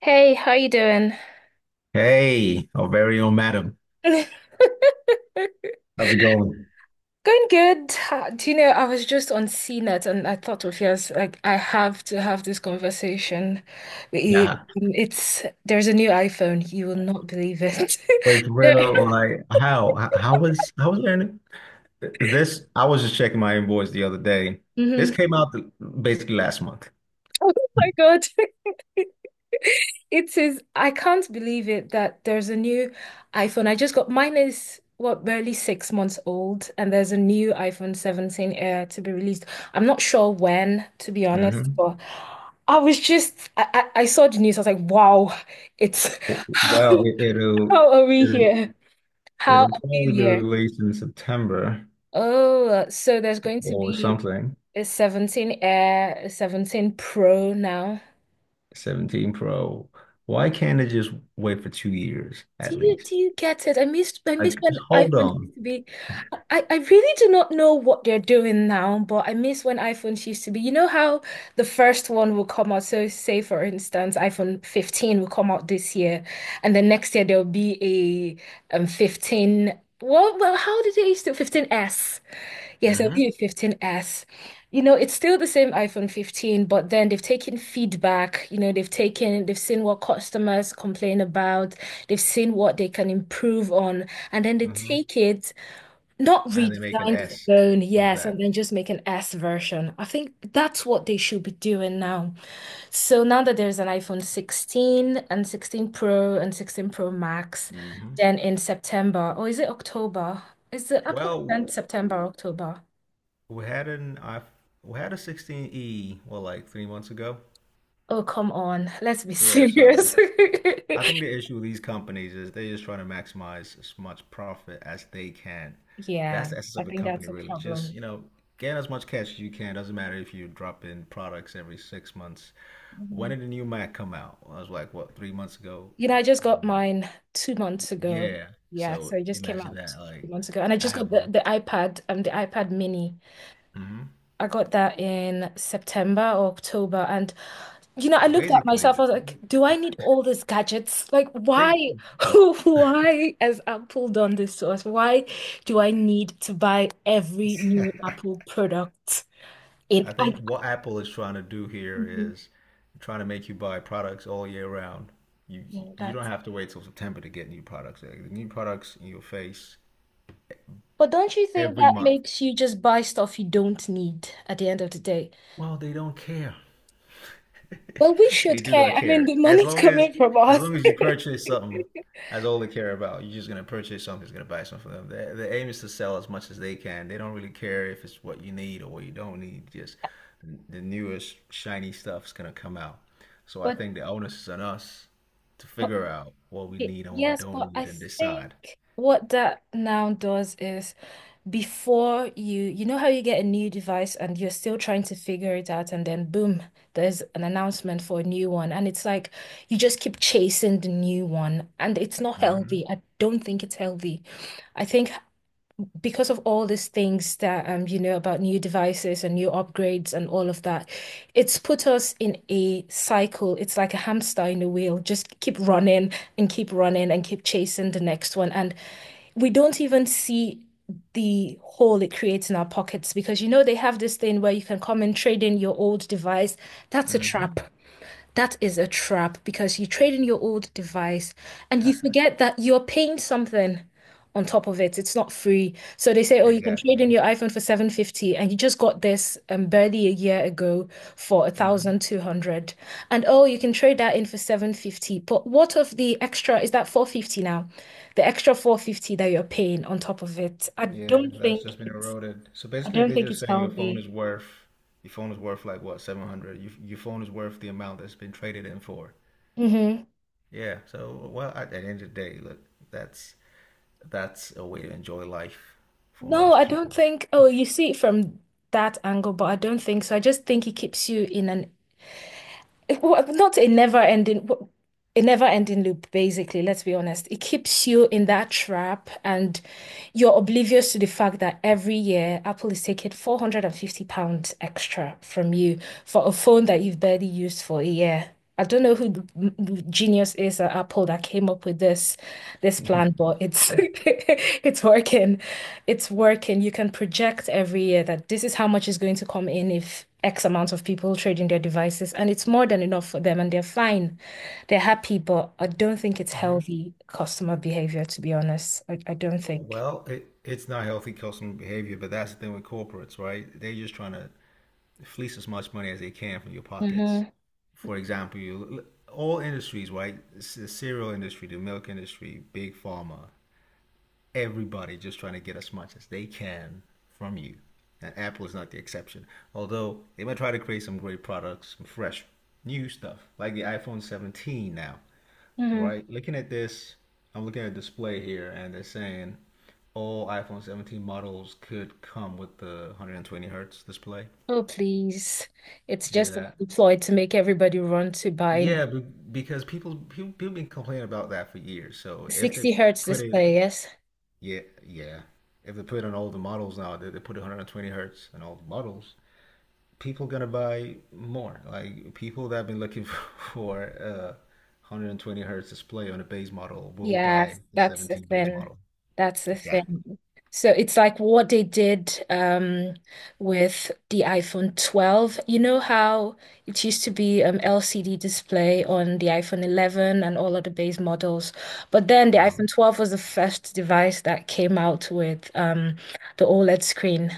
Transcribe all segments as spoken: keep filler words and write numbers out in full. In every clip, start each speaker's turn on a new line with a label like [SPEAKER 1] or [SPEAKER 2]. [SPEAKER 1] Hey, how you doing?
[SPEAKER 2] Hey, our very own madam. How's it going?
[SPEAKER 1] Going good. Ha- Do you know, I was just on CNET and I thought of yes, like I have to have this conversation with you.
[SPEAKER 2] Yeah.
[SPEAKER 1] Um, It's there's a new iPhone. You will not believe it.
[SPEAKER 2] Wait, for real, like how h- how was how was learning? Th- This I was just checking my invoice the other day. This
[SPEAKER 1] Mhm.
[SPEAKER 2] came out the, basically last month.
[SPEAKER 1] Oh my God. It is, I can't believe it that there's a new iPhone. I just got mine is what barely six months old, and there's a new iPhone seventeen Air to be released. I'm not sure when, to be honest,
[SPEAKER 2] hmm
[SPEAKER 1] but I was just I, I, I saw the news, I was like, wow, it's how,
[SPEAKER 2] Well, it, it'll
[SPEAKER 1] how are we
[SPEAKER 2] it'll
[SPEAKER 1] here? How are
[SPEAKER 2] It'll
[SPEAKER 1] we
[SPEAKER 2] probably be
[SPEAKER 1] here?
[SPEAKER 2] released in September
[SPEAKER 1] Oh, so there's going to
[SPEAKER 2] or
[SPEAKER 1] be
[SPEAKER 2] something.
[SPEAKER 1] a seventeen Air, a seventeen Pro now.
[SPEAKER 2] seventeen Pro. Why can't it just wait for two years
[SPEAKER 1] Do
[SPEAKER 2] at
[SPEAKER 1] you
[SPEAKER 2] least?
[SPEAKER 1] do you get it? I missed I miss
[SPEAKER 2] Like,
[SPEAKER 1] when
[SPEAKER 2] just hold
[SPEAKER 1] iPhones
[SPEAKER 2] on.
[SPEAKER 1] used to be. I, I really do not know what they're doing now, but I miss when iPhones used to be. You know how the first one will come out. So say for instance, iPhone fifteen will come out this year, and the next year there'll be a um fifteen. Well, well, how did they used to fifteen S? Yes, it'll be
[SPEAKER 2] mm
[SPEAKER 1] a fifteen S. You know, it's still the same iPhone fifteen, but then they've taken feedback. You know, they've taken, they've seen what customers complain about, they've seen what they can improve on, and then they
[SPEAKER 2] hmm mm hmm
[SPEAKER 1] take it, not
[SPEAKER 2] And they
[SPEAKER 1] redesign
[SPEAKER 2] make an
[SPEAKER 1] the
[SPEAKER 2] S
[SPEAKER 1] phone,
[SPEAKER 2] with
[SPEAKER 1] yes, and
[SPEAKER 2] that.
[SPEAKER 1] then just make an S version. I think that's what they should be doing now. So now that there's an iPhone sixteen and sixteen Pro and sixteen Pro Max,
[SPEAKER 2] mm hmm
[SPEAKER 1] then in September, or is it October? Is the Apple
[SPEAKER 2] Well,
[SPEAKER 1] event September, October?
[SPEAKER 2] we had an I we had a sixteen e well like three months ago.
[SPEAKER 1] Oh, come on. Let's be
[SPEAKER 2] Yeah, so
[SPEAKER 1] serious.
[SPEAKER 2] I think the issue with these companies is they're just trying to maximize as much profit as they can.
[SPEAKER 1] Yeah,
[SPEAKER 2] That's the essence
[SPEAKER 1] I
[SPEAKER 2] of a
[SPEAKER 1] think
[SPEAKER 2] company,
[SPEAKER 1] that's a
[SPEAKER 2] really. Just,
[SPEAKER 1] problem.
[SPEAKER 2] you know, get as much cash as you can. Doesn't matter if you drop in products every six months. When
[SPEAKER 1] Mhm.
[SPEAKER 2] did the new Mac come out? I was like, what, three months ago?
[SPEAKER 1] You know, I just got mine two months ago.
[SPEAKER 2] Yeah.
[SPEAKER 1] Yeah, so
[SPEAKER 2] So
[SPEAKER 1] it just came
[SPEAKER 2] imagine
[SPEAKER 1] out
[SPEAKER 2] that.
[SPEAKER 1] two
[SPEAKER 2] Like,
[SPEAKER 1] months ago. And I
[SPEAKER 2] I
[SPEAKER 1] just got
[SPEAKER 2] have
[SPEAKER 1] the,
[SPEAKER 2] a,
[SPEAKER 1] the iPad, um, the iPad mini.
[SPEAKER 2] hmm
[SPEAKER 1] I got that in September or October. And, you know, I looked at
[SPEAKER 2] basically,
[SPEAKER 1] myself, I was like, do I need all these gadgets? Like, why,
[SPEAKER 2] they.
[SPEAKER 1] why has Apple done this to us? Why do I need to buy every new Apple product? In,
[SPEAKER 2] I think what Apple is trying to do
[SPEAKER 1] I,
[SPEAKER 2] here is trying to make you buy products all year round. You
[SPEAKER 1] Yeah,
[SPEAKER 2] you don't
[SPEAKER 1] that's.
[SPEAKER 2] have to wait till September to get new products. Like, the new products in your face
[SPEAKER 1] But don't you think
[SPEAKER 2] every
[SPEAKER 1] that
[SPEAKER 2] month.
[SPEAKER 1] makes you just buy stuff you don't need at the end of the day?
[SPEAKER 2] Well, they don't care.
[SPEAKER 1] Well, we
[SPEAKER 2] They
[SPEAKER 1] should
[SPEAKER 2] do
[SPEAKER 1] care.
[SPEAKER 2] not
[SPEAKER 1] I mean,
[SPEAKER 2] care.
[SPEAKER 1] the
[SPEAKER 2] As
[SPEAKER 1] money's
[SPEAKER 2] long as
[SPEAKER 1] coming from
[SPEAKER 2] as
[SPEAKER 1] us.
[SPEAKER 2] long as you purchase something, that's all they care about. You're just gonna purchase something, just gonna buy something for them. The, the aim is to sell as much as they can. They don't really care if it's what you need or what you don't need. Just the, the newest shiny stuff's gonna come out. So I
[SPEAKER 1] But,
[SPEAKER 2] think the onus is on us to
[SPEAKER 1] but
[SPEAKER 2] figure out what we
[SPEAKER 1] y-
[SPEAKER 2] need and what we
[SPEAKER 1] yes,
[SPEAKER 2] don't
[SPEAKER 1] but I
[SPEAKER 2] need and
[SPEAKER 1] think
[SPEAKER 2] decide.
[SPEAKER 1] what that now does is before you, you know how you get a new device and you're still trying to figure it out, and then boom, there's an announcement for a new one. And it's like you just keep chasing the new one, and it's not healthy.
[SPEAKER 2] hmm
[SPEAKER 1] I don't think it's healthy. I think because of all these things that um you know about new devices and new upgrades and all of that, it's put us in a cycle. It's like a hamster in a wheel, just keep running and keep running and keep chasing the next one. And we don't even see the hole it creates in our pockets because you know they have this thing where you can come and trade in your old device. That's a
[SPEAKER 2] hmm
[SPEAKER 1] trap. That is a trap because you trade in your old device and you forget that you're paying something on top of it. It's not free. So they say, oh, you can trade in
[SPEAKER 2] Exactly.
[SPEAKER 1] your iPhone for seven fifty and you just got this um, barely a year ago for one thousand two hundred. And oh, you can trade that in for seven fifty. But what of the extra? Is that four fifty now? The extra four fifty that you're paying on top of it. I
[SPEAKER 2] Yeah,
[SPEAKER 1] don't
[SPEAKER 2] that's
[SPEAKER 1] think
[SPEAKER 2] just been
[SPEAKER 1] it's
[SPEAKER 2] eroded. So
[SPEAKER 1] I
[SPEAKER 2] basically,
[SPEAKER 1] don't
[SPEAKER 2] they're
[SPEAKER 1] think
[SPEAKER 2] just
[SPEAKER 1] it's
[SPEAKER 2] saying your phone
[SPEAKER 1] healthy.
[SPEAKER 2] is worth your phone is worth like what, seven hundred. Your, your phone is worth the amount that's been traded in for. Yeah. So, well, at the end of the day, look, that's that's a way to enjoy life for
[SPEAKER 1] No,
[SPEAKER 2] most
[SPEAKER 1] I don't
[SPEAKER 2] people.
[SPEAKER 1] think. Oh, you see it from that angle, but I don't think so. I just think it keeps you in an well, not a never-ending, a a never-ending loop, basically. Let's be honest. It keeps you in that trap, and you're oblivious to the fact that every year Apple is taking four hundred fifty pounds extra from you for a phone that you've barely used for a year. I don't know who the m- m- genius is at Apple that came up with this this plan, but it's it's working. It's working. You can project every year that this is how much is going to come in if X amount of people trade in their devices, and it's more than enough for them, and they're fine. They're happy, but I don't think it's
[SPEAKER 2] Mhm.
[SPEAKER 1] healthy customer behavior, to be honest. I, I don't think.
[SPEAKER 2] Well, it, it's not healthy customer behavior, but that's the thing with corporates, right? They're just trying to fleece as much money as they can from your pockets.
[SPEAKER 1] hmm
[SPEAKER 2] For example, you all industries, right? It's the cereal industry, the milk industry, big pharma, everybody just trying to get as much as they can from you. And Apple is not the exception. Although they might try to create some great products, some fresh new stuff, like the iPhone seventeen now,
[SPEAKER 1] hmm
[SPEAKER 2] right? Looking at this, I'm looking at a display here, and they're saying all iPhone seventeen models could come with the one hundred twenty hertz display.
[SPEAKER 1] Oh, please. It's
[SPEAKER 2] Do
[SPEAKER 1] just a
[SPEAKER 2] that.
[SPEAKER 1] ploy to make everybody run to buy
[SPEAKER 2] Yeah, be- because people people people been complaining about that for years. So if they
[SPEAKER 1] sixty hertz
[SPEAKER 2] put it,
[SPEAKER 1] display. Yes.
[SPEAKER 2] yeah, yeah, if they put it on all the models now, they, they put one hundred twenty hertz on all the models, people gonna buy more. Like people that have been looking for a one hundred twenty hertz display on a base model will buy
[SPEAKER 1] Yes,
[SPEAKER 2] the
[SPEAKER 1] that's the
[SPEAKER 2] seventeen base
[SPEAKER 1] thing.
[SPEAKER 2] model.
[SPEAKER 1] That's the
[SPEAKER 2] Exactly.
[SPEAKER 1] thing. So it's like what they did, um, with the iPhone twelve. You know how it used to be, um, L C D display on the iPhone eleven and all of the base models, but then the
[SPEAKER 2] uh
[SPEAKER 1] iPhone twelve was the first device that came out with, um, the OLED screen,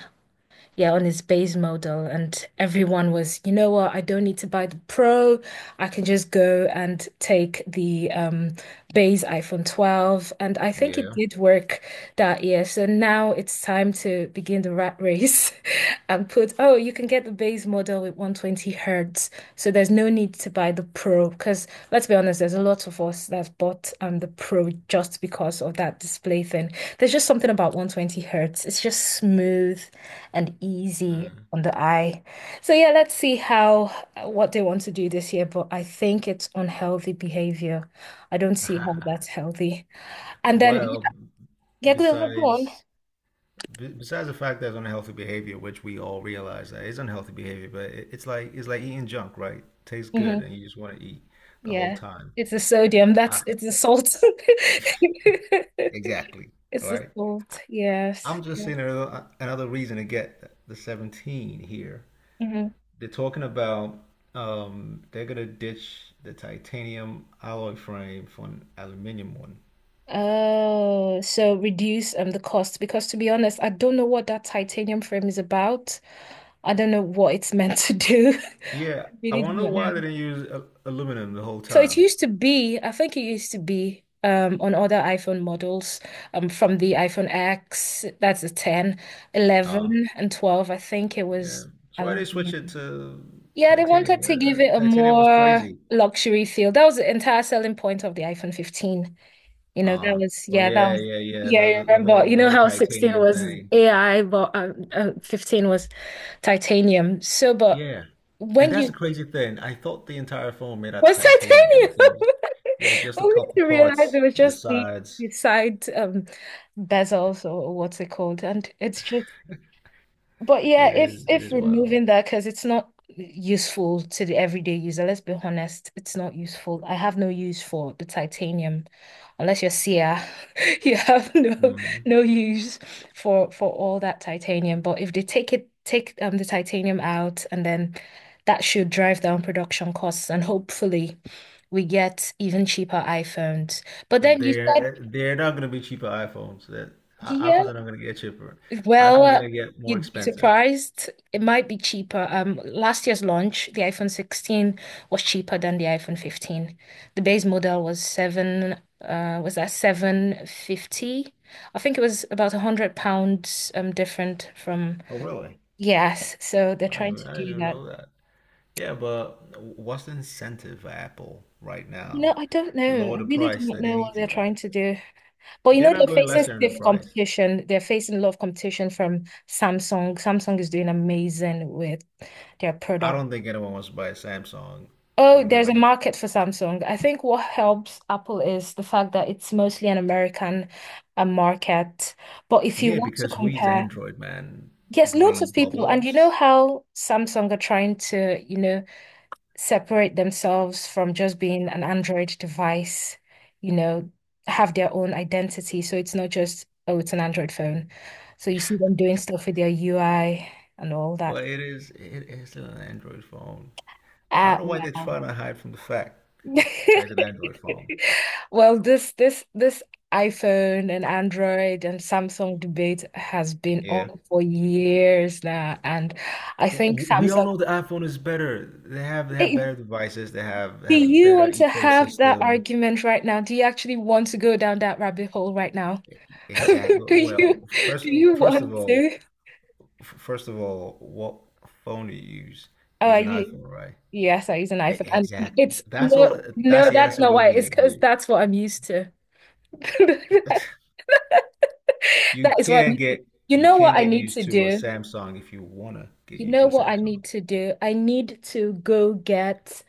[SPEAKER 1] yeah, on his base model, and everyone was, you know what, I don't need to buy the Pro. I can just go and take the um base iPhone twelve. And I think it
[SPEAKER 2] Yeah.
[SPEAKER 1] did work that year. So now it's time to begin the rat race and put, oh, you can get the base model with one twenty hertz, so there's no need to buy the Pro because let's be honest, there's a lot of us that bought um the Pro just because of that display thing. There's just something about one twenty hertz. It's just smooth and easy
[SPEAKER 2] Mm.
[SPEAKER 1] on the eye. So yeah, let's see how uh, what they want to do this year, but I think it's unhealthy behavior. I don't see how that's healthy. And then
[SPEAKER 2] Well,
[SPEAKER 1] yeah, go on, go on.
[SPEAKER 2] besides. besides the fact that it's unhealthy behavior, which we all realize that it's unhealthy behavior, but it, it's like it's like eating junk, right? Tastes good,
[SPEAKER 1] Hmm.
[SPEAKER 2] and you just want to eat the whole
[SPEAKER 1] Yeah.
[SPEAKER 2] time.
[SPEAKER 1] It's the sodium,
[SPEAKER 2] I,
[SPEAKER 1] that's it's the salt.
[SPEAKER 2] exactly,
[SPEAKER 1] It's the
[SPEAKER 2] right?
[SPEAKER 1] salt,
[SPEAKER 2] I,
[SPEAKER 1] yes.
[SPEAKER 2] I'm just
[SPEAKER 1] Yeah.
[SPEAKER 2] seeing another, another reason to get the seventeen here.
[SPEAKER 1] hmm
[SPEAKER 2] They're talking about um, they're gonna ditch the titanium alloy frame for an aluminum one.
[SPEAKER 1] Oh, so reduce um the cost because to be honest, I don't know what that titanium frame is about. I don't know what it's meant to do.
[SPEAKER 2] Yeah, I
[SPEAKER 1] Really do
[SPEAKER 2] wonder
[SPEAKER 1] not
[SPEAKER 2] why they
[SPEAKER 1] know.
[SPEAKER 2] didn't use a- aluminum the whole
[SPEAKER 1] So it
[SPEAKER 2] time.
[SPEAKER 1] used to be, I think it used to be um on other iPhone models um from the iPhone X, that's a ten,
[SPEAKER 2] Um,
[SPEAKER 1] eleven, and twelve, I think it
[SPEAKER 2] Yeah.
[SPEAKER 1] was
[SPEAKER 2] So why they switch it
[SPEAKER 1] aluminum.
[SPEAKER 2] to
[SPEAKER 1] Yeah, they
[SPEAKER 2] titanium?
[SPEAKER 1] wanted to
[SPEAKER 2] That-
[SPEAKER 1] give it
[SPEAKER 2] that-
[SPEAKER 1] a
[SPEAKER 2] titanium was
[SPEAKER 1] more
[SPEAKER 2] crazy.
[SPEAKER 1] luxury feel. That was the entire selling point of the iPhone fifteen. You know, that
[SPEAKER 2] Ah.
[SPEAKER 1] was,
[SPEAKER 2] Oh,
[SPEAKER 1] yeah, that
[SPEAKER 2] yeah,
[SPEAKER 1] was,
[SPEAKER 2] yeah, yeah.
[SPEAKER 1] yeah,
[SPEAKER 2] The, the
[SPEAKER 1] I
[SPEAKER 2] the
[SPEAKER 1] remember.
[SPEAKER 2] whole
[SPEAKER 1] You
[SPEAKER 2] the
[SPEAKER 1] know
[SPEAKER 2] whole
[SPEAKER 1] how sixteen
[SPEAKER 2] titanium
[SPEAKER 1] was
[SPEAKER 2] thing.
[SPEAKER 1] A I, but um, uh, uh, fifteen was titanium. So, but
[SPEAKER 2] Yeah. And
[SPEAKER 1] when
[SPEAKER 2] that's the
[SPEAKER 1] you,
[SPEAKER 2] crazy thing. I thought the entire phone made out of
[SPEAKER 1] was
[SPEAKER 2] titanium, but it
[SPEAKER 1] titanium?
[SPEAKER 2] seems yeah, just a
[SPEAKER 1] Only
[SPEAKER 2] couple
[SPEAKER 1] to realize
[SPEAKER 2] parts,
[SPEAKER 1] it was
[SPEAKER 2] the
[SPEAKER 1] just the,
[SPEAKER 2] sides.
[SPEAKER 1] the side, um, bezels or what's it called. And it's just, but yeah,
[SPEAKER 2] It
[SPEAKER 1] if
[SPEAKER 2] is it
[SPEAKER 1] if
[SPEAKER 2] is wild.
[SPEAKER 1] removing that, because it's not useful to the everyday user, let's be honest, it's not useful. I have no use for the titanium, unless you're Sia, you have no
[SPEAKER 2] hmm
[SPEAKER 1] no use for for all that titanium. But if they take it, take um the titanium out, and then that should drive down production costs, and hopefully we get even cheaper iPhones. But then you said,
[SPEAKER 2] They're they're not gonna be cheaper iPhones. That i-
[SPEAKER 1] yeah,
[SPEAKER 2] iPhones are not gonna get cheaper. iPhones are
[SPEAKER 1] well,
[SPEAKER 2] gonna get more
[SPEAKER 1] you'd be
[SPEAKER 2] expensive.
[SPEAKER 1] surprised. It might be cheaper. Um, last year's launch, the iPhone sixteen was cheaper than the iPhone fifteen. The base model was seven, uh, was that seven fifty? I think it was about a hundred pounds um different from
[SPEAKER 2] Oh really?
[SPEAKER 1] yes. So they're
[SPEAKER 2] I
[SPEAKER 1] trying
[SPEAKER 2] didn't,
[SPEAKER 1] to
[SPEAKER 2] I didn't
[SPEAKER 1] do
[SPEAKER 2] even
[SPEAKER 1] that.
[SPEAKER 2] know that. Yeah, but what's the incentive for Apple right
[SPEAKER 1] You know,
[SPEAKER 2] now
[SPEAKER 1] I don't
[SPEAKER 2] to
[SPEAKER 1] know. I
[SPEAKER 2] lower the
[SPEAKER 1] really do
[SPEAKER 2] price
[SPEAKER 1] not
[SPEAKER 2] that they
[SPEAKER 1] know what
[SPEAKER 2] need to?
[SPEAKER 1] they're trying
[SPEAKER 2] Like,
[SPEAKER 1] to do. But you
[SPEAKER 2] they're
[SPEAKER 1] know,
[SPEAKER 2] not
[SPEAKER 1] they're
[SPEAKER 2] going
[SPEAKER 1] facing
[SPEAKER 2] lesser in the
[SPEAKER 1] stiff
[SPEAKER 2] price.
[SPEAKER 1] competition. They're facing a lot of competition from Samsung. Samsung is doing amazing with their
[SPEAKER 2] I
[SPEAKER 1] product.
[SPEAKER 2] don't think anyone wants to buy a Samsung for
[SPEAKER 1] Oh, there's a
[SPEAKER 2] real.
[SPEAKER 1] market for Samsung. I think what helps Apple is the fact that it's mostly an American uh, market. But if you
[SPEAKER 2] Yeah,
[SPEAKER 1] want to
[SPEAKER 2] because who is
[SPEAKER 1] compare,
[SPEAKER 2] Android, man?
[SPEAKER 1] yes, lots
[SPEAKER 2] Green
[SPEAKER 1] of people, and you know
[SPEAKER 2] bubbles.
[SPEAKER 1] how Samsung are trying to, you know, separate themselves from just being an Android device, you know, have their own identity. So it's not just, oh, it's an Android phone. So you see them doing stuff with their U I and all that.
[SPEAKER 2] But it is it is still an Android phone. I don't
[SPEAKER 1] Ah,
[SPEAKER 2] know why they're
[SPEAKER 1] well.
[SPEAKER 2] trying to hide from the fact that it's an Android phone.
[SPEAKER 1] Well, this this this iPhone and Android and Samsung debate has been
[SPEAKER 2] Yeah.
[SPEAKER 1] on for years now, and I think
[SPEAKER 2] Well, we all
[SPEAKER 1] Samsung.
[SPEAKER 2] know the iPhone is better. They have they have
[SPEAKER 1] Eh,
[SPEAKER 2] better devices. They have they
[SPEAKER 1] do
[SPEAKER 2] have a
[SPEAKER 1] you
[SPEAKER 2] better
[SPEAKER 1] want to have that
[SPEAKER 2] ecosystem.
[SPEAKER 1] argument right now? Do you actually want to go down that rabbit hole right now?
[SPEAKER 2] Exactly.
[SPEAKER 1] Do
[SPEAKER 2] Well,
[SPEAKER 1] you do
[SPEAKER 2] first
[SPEAKER 1] you
[SPEAKER 2] first of
[SPEAKER 1] want
[SPEAKER 2] all,
[SPEAKER 1] to?
[SPEAKER 2] first of all, what phone do you use?
[SPEAKER 1] Oh, I
[SPEAKER 2] Use an
[SPEAKER 1] u-
[SPEAKER 2] iPhone, right?
[SPEAKER 1] yes, I use an
[SPEAKER 2] E-
[SPEAKER 1] iPhone, and
[SPEAKER 2] Exactly.
[SPEAKER 1] it's
[SPEAKER 2] That's all.
[SPEAKER 1] no,
[SPEAKER 2] That's
[SPEAKER 1] no,
[SPEAKER 2] the
[SPEAKER 1] that's
[SPEAKER 2] answer
[SPEAKER 1] not
[SPEAKER 2] we
[SPEAKER 1] why. It's
[SPEAKER 2] need
[SPEAKER 1] because
[SPEAKER 2] here.
[SPEAKER 1] that's what I'm used to.
[SPEAKER 2] You
[SPEAKER 1] That is what I
[SPEAKER 2] can
[SPEAKER 1] need to.
[SPEAKER 2] get
[SPEAKER 1] You
[SPEAKER 2] you
[SPEAKER 1] know
[SPEAKER 2] can
[SPEAKER 1] what I
[SPEAKER 2] get
[SPEAKER 1] need
[SPEAKER 2] used
[SPEAKER 1] to
[SPEAKER 2] to a
[SPEAKER 1] do?
[SPEAKER 2] Samsung if you wanna get
[SPEAKER 1] You
[SPEAKER 2] used
[SPEAKER 1] know
[SPEAKER 2] to a
[SPEAKER 1] what I
[SPEAKER 2] Samsung.
[SPEAKER 1] need to do? I need to go get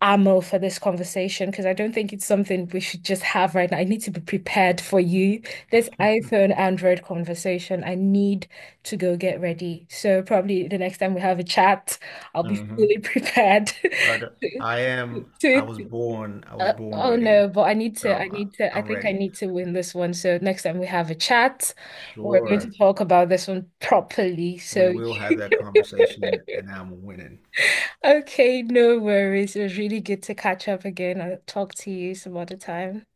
[SPEAKER 1] ammo for this conversation because I don't think it's something we should just have right now. I need to be prepared for you. This iPhone Android conversation, I need to go get ready. So probably the next time we have a chat, I'll be
[SPEAKER 2] Mm-hmm.
[SPEAKER 1] fully prepared.
[SPEAKER 2] I, d-
[SPEAKER 1] to,
[SPEAKER 2] I am. I
[SPEAKER 1] to-
[SPEAKER 2] was born. I was
[SPEAKER 1] uh,
[SPEAKER 2] born
[SPEAKER 1] oh
[SPEAKER 2] ready.
[SPEAKER 1] no, but I need to, I
[SPEAKER 2] So I,
[SPEAKER 1] need to, I
[SPEAKER 2] I'm
[SPEAKER 1] think I
[SPEAKER 2] ready.
[SPEAKER 1] need to win this one. So next time we have a chat, we're going to
[SPEAKER 2] Sure.
[SPEAKER 1] talk about this one properly.
[SPEAKER 2] We
[SPEAKER 1] So
[SPEAKER 2] will have that conversation, and, and I'm winning.
[SPEAKER 1] Okay, no worries. It was really good to catch up again. I'll talk to you some other time.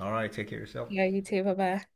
[SPEAKER 2] All right. Take care of yourself.
[SPEAKER 1] Yeah, you too. Bye bye.